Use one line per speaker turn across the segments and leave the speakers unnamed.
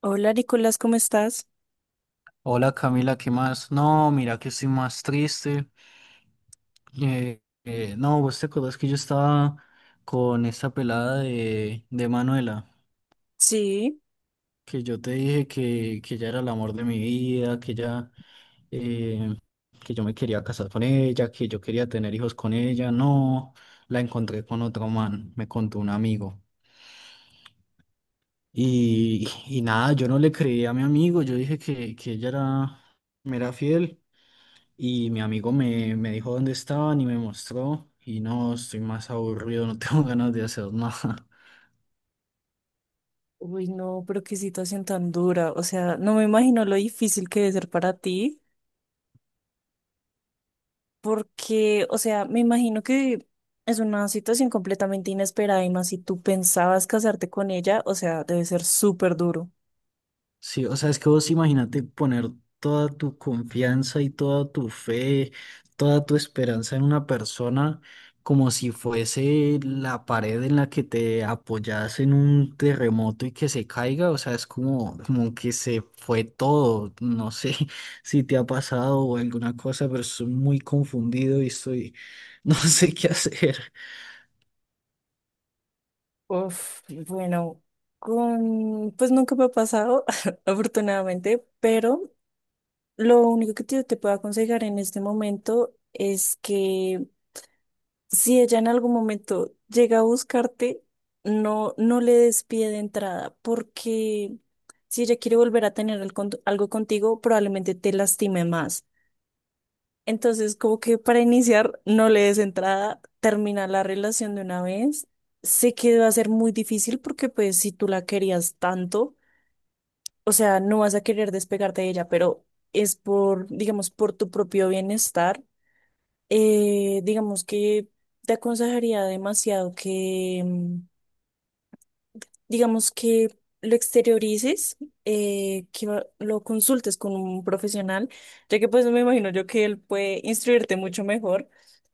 Hola Nicolás, ¿cómo estás?
Hola Camila, ¿qué más? No, mira que estoy más triste. No, vos te acordás que yo estaba con esta pelada de Manuela,
Sí.
que yo te dije que ella era el amor de mi vida, que ella, eh, que yo me quería casar con ella, que yo quería tener hijos con ella. No, la encontré con otro man, me contó un amigo. Y nada, yo no le creí a mi amigo, yo dije que ella era, me era fiel. Y mi amigo me dijo dónde estaban y me mostró. Y no, estoy más aburrido, no tengo ganas de hacer nada.
Uy, no, pero qué situación tan dura. O sea, no me imagino lo difícil que debe ser para ti, porque, o sea, me imagino que es una situación completamente inesperada y más si tú pensabas casarte con ella, o sea, debe ser súper duro.
Sí, o sea, es que vos imagínate poner toda tu confianza y toda tu fe, toda tu esperanza en una persona como si fuese la pared en la que te apoyas en un terremoto y que se caiga, o sea, es como, como que se fue todo, no sé si te ha pasado o alguna cosa, pero estoy muy confundido y estoy, no sé qué hacer.
Uf, bueno, con, pues nunca me ha pasado, afortunadamente, pero lo único que te puedo aconsejar en este momento es que si ella en algún momento llega a buscarte, no le des pie de entrada, porque si ella quiere volver a tener algo contigo, probablemente te lastime más. Entonces, como que para iniciar, no le des entrada, termina la relación de una vez. Sé que va a ser muy difícil porque pues si tú la querías tanto, o sea, no vas a querer despegarte de ella, pero es por, digamos, por tu propio bienestar, digamos que te aconsejaría demasiado que, digamos que lo exteriorices, que lo consultes con un profesional, ya que pues me imagino yo que él puede instruirte mucho mejor,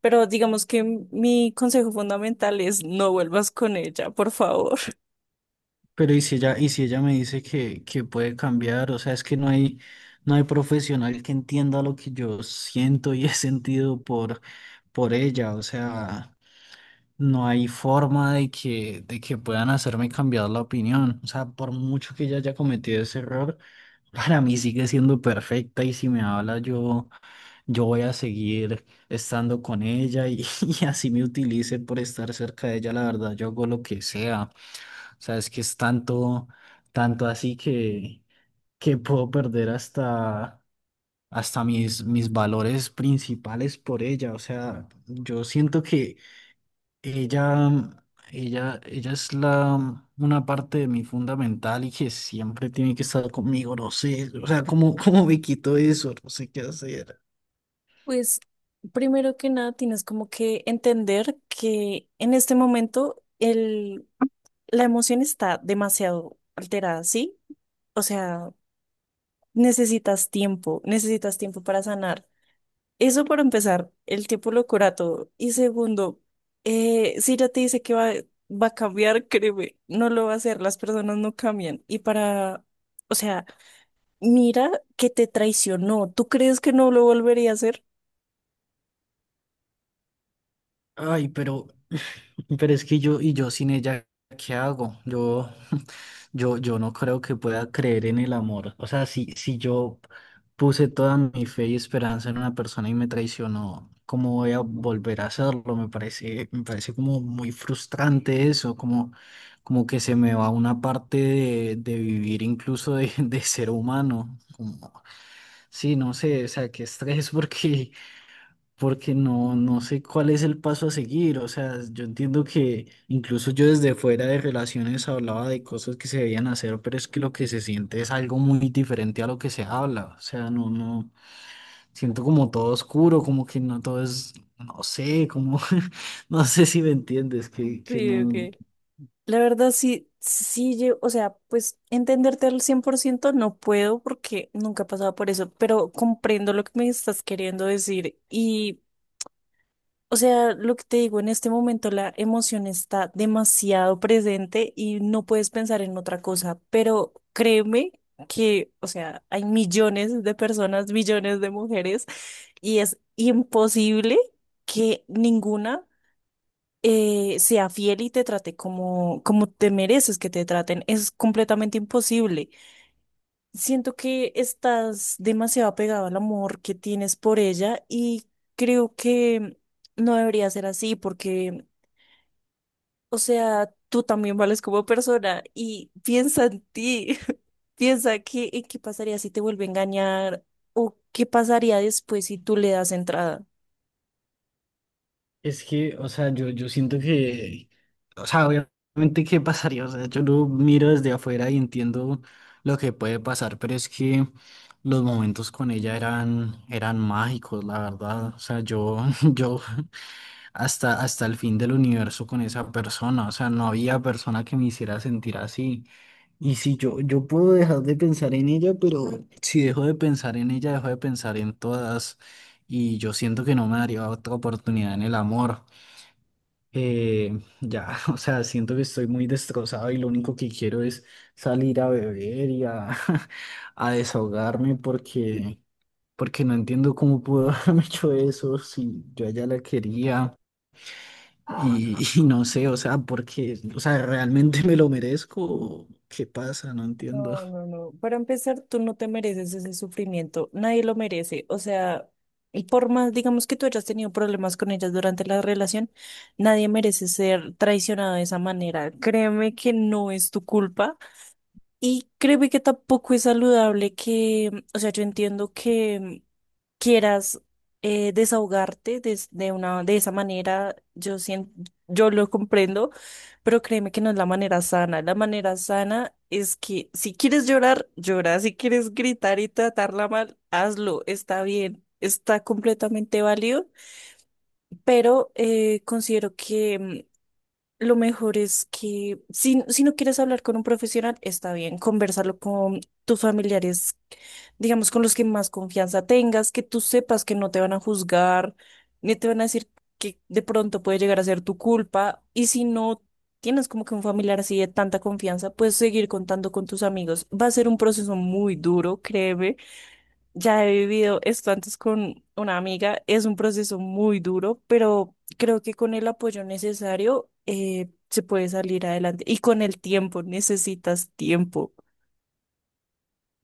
pero digamos que mi consejo fundamental es no vuelvas con ella, por favor.
Pero y si ella me dice que puede cambiar, o sea, es que no hay, no hay profesional que entienda lo que yo siento y he sentido por ella, o sea, no hay forma de de que puedan hacerme cambiar la opinión, o sea, por mucho que ella haya cometido ese error, para mí sigue siendo perfecta y si me habla yo, yo voy a seguir estando con ella y, y así me utilice por estar cerca de ella, la verdad, yo hago lo que sea. O sea, es que es tanto, tanto así que puedo perder hasta, hasta mis valores principales por ella. O sea, yo siento que ella, ella es la, una parte de mí fundamental y que siempre tiene que estar conmigo. No sé, o sea, ¿cómo, cómo me quito eso? No sé qué hacer.
Pues primero que nada tienes como que entender que en este momento la emoción está demasiado alterada, ¿sí? O sea, necesitas tiempo, necesitas tiempo para sanar. Eso para empezar, el tiempo lo cura todo. Y segundo, si ya te dice que va a cambiar, créeme, no lo va a hacer, las personas no cambian. Y para, o sea, mira que te traicionó. ¿Tú crees que no lo volvería a hacer?
Ay, pero es que yo, y yo sin ella, ¿qué hago? Yo, yo no creo que pueda creer en el amor. O sea, si yo puse toda mi fe y esperanza en una persona y me traicionó, ¿cómo voy a volver a hacerlo? Me parece como muy frustrante eso, como, como que se me va una parte de vivir incluso de, de ser humano. Como, sí, no sé, o sea, qué estrés, porque porque no, no sé cuál es el paso a seguir. O sea, yo entiendo que incluso yo desde fuera de relaciones hablaba de cosas que se debían hacer, pero es que lo que se siente es algo muy diferente a lo que se habla. O sea, no, no, siento como todo oscuro, como que no todo es, no sé, como, no sé si me entiendes, que
Sí, ok.
no.
La verdad, o sea, pues entenderte al 100% no puedo porque nunca he pasado por eso, pero comprendo lo que me estás queriendo decir. Y. O sea, lo que te digo, en este momento la emoción está demasiado presente y no puedes pensar en otra cosa, pero créeme que, o sea, hay millones de personas, millones de mujeres y es imposible que ninguna sea fiel y te trate como, como te mereces que te traten. Es completamente imposible. Siento que estás demasiado apegado al amor que tienes por ella y creo que no debería ser así porque, o sea, tú también vales como persona y piensa en ti, piensa que, en qué pasaría si te vuelve a engañar o qué pasaría después si tú le das entrada.
Es que, o sea, yo siento que, o sea, obviamente qué pasaría, o sea, yo lo miro desde afuera y entiendo lo que puede pasar, pero es que los momentos con ella eran, eran mágicos, la verdad, o sea, yo, yo hasta, hasta el fin del universo con esa persona, o sea, no había persona que me hiciera sentir así. Y si yo, yo puedo dejar de pensar en ella, pero si dejo de pensar en ella, dejo de pensar en todas. Y yo siento que no me daría otra oportunidad en el amor. Eh, ya, o sea, siento que estoy muy destrozado y lo único que quiero es salir a beber y a, a desahogarme porque, porque no entiendo cómo pudo haberme hecho eso si yo a ella la quería y, y no sé, o sea, porque, o sea, ¿realmente me lo merezco? O ¿qué pasa? No entiendo.
No,
O
no, no. Para empezar, tú no te mereces ese sufrimiento. Nadie lo merece. O sea, y por más, digamos que tú hayas tenido problemas con ellas durante la relación, nadie merece ser traicionado de esa manera. Créeme que no es tu culpa y créeme que tampoco es saludable que, o sea, yo entiendo que quieras, desahogarte de esa manera, yo lo comprendo, pero créeme que no es la manera sana. La manera sana es que si quieres llorar, llora. Si quieres gritar y tratarla mal, hazlo. Está bien, está completamente válido, pero considero que, lo mejor es que si no quieres hablar con un profesional, está bien, conversarlo con tus familiares, digamos, con los que más confianza tengas, que tú sepas que no te van a juzgar, ni te van a decir que de pronto puede llegar a ser tu culpa. Y si no tienes como que un familiar así de tanta confianza, puedes seguir contando con tus amigos. Va a ser un proceso muy duro, créeme, ya he vivido esto antes con una amiga. Es un proceso muy duro, pero creo que con el apoyo necesario, se puede salir adelante. Y con el tiempo, necesitas tiempo.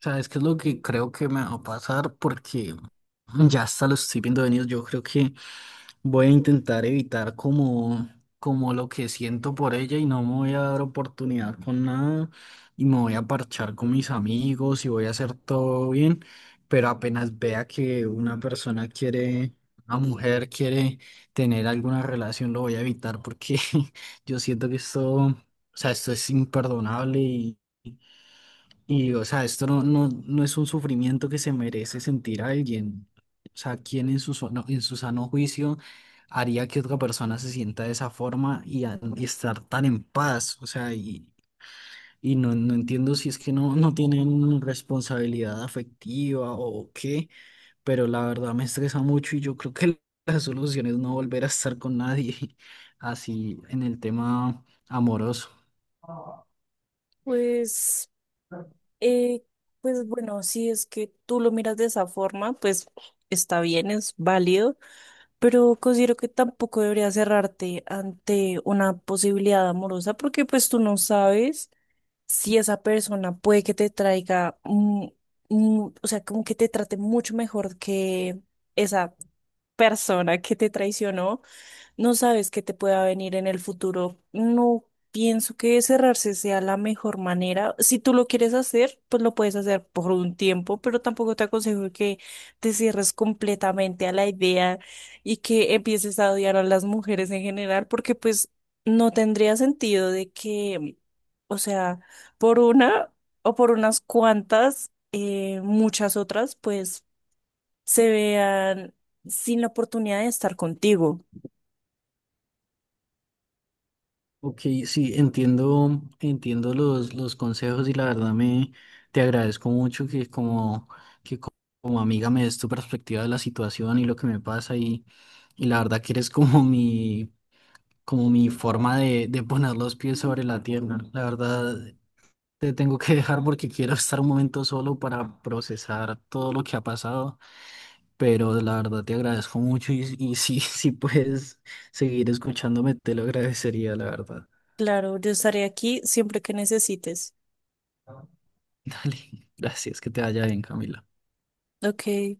sea, es que es lo que creo que me va a pasar porque ya hasta lo estoy viendo venir. Yo creo que voy a intentar evitar como, como lo que siento por ella y no me voy a dar oportunidad con nada y me voy a parchar con mis amigos y voy a hacer todo bien, pero apenas vea que una persona quiere, una mujer quiere tener alguna relación, lo voy a evitar porque yo siento que esto, o sea, esto es imperdonable y, o sea, esto no, no, no es un sufrimiento que se merece sentir a alguien. O sea, ¿quién en su, so- no en su sano juicio haría que otra persona se sienta de esa forma y, a- y estar tan en paz? O sea, y no, no entiendo si es que no, no tienen responsabilidad afectiva o qué, pero la verdad me estresa mucho y yo creo que la solución es no volver a estar con nadie así en el tema amoroso.
Pues, eh, pues bueno, si es que tú lo miras de esa forma, pues está bien, es válido, pero considero que tampoco deberías cerrarte ante una posibilidad amorosa porque pues tú no sabes si esa persona puede que te traiga, o sea, como que te trate mucho mejor que esa persona que te traicionó, no sabes qué te pueda venir en el futuro. No pienso que cerrarse sea la mejor manera. Si tú lo quieres hacer, pues lo puedes hacer por un tiempo, pero tampoco te aconsejo que te cierres completamente a la idea y que empieces a odiar a las mujeres en general, porque pues no tendría sentido de que, o sea, por una o por unas cuantas, muchas otras, pues se vean sin la oportunidad de estar contigo.
Ok, sí, entiendo, entiendo los consejos y la verdad me te agradezco mucho que como, que co- como amiga me des tu perspectiva de la situación y lo que me pasa y la verdad que eres como mi forma de poner los pies sobre la tierra. La verdad te tengo que dejar porque quiero estar un momento solo para procesar todo lo que ha pasado, pero la verdad te agradezco mucho y si, si puedes seguir escuchándome te lo agradecería, la verdad.
Claro, yo estaré aquí siempre que necesites.
Dale, gracias, que te vaya bien, Camila.
Ok,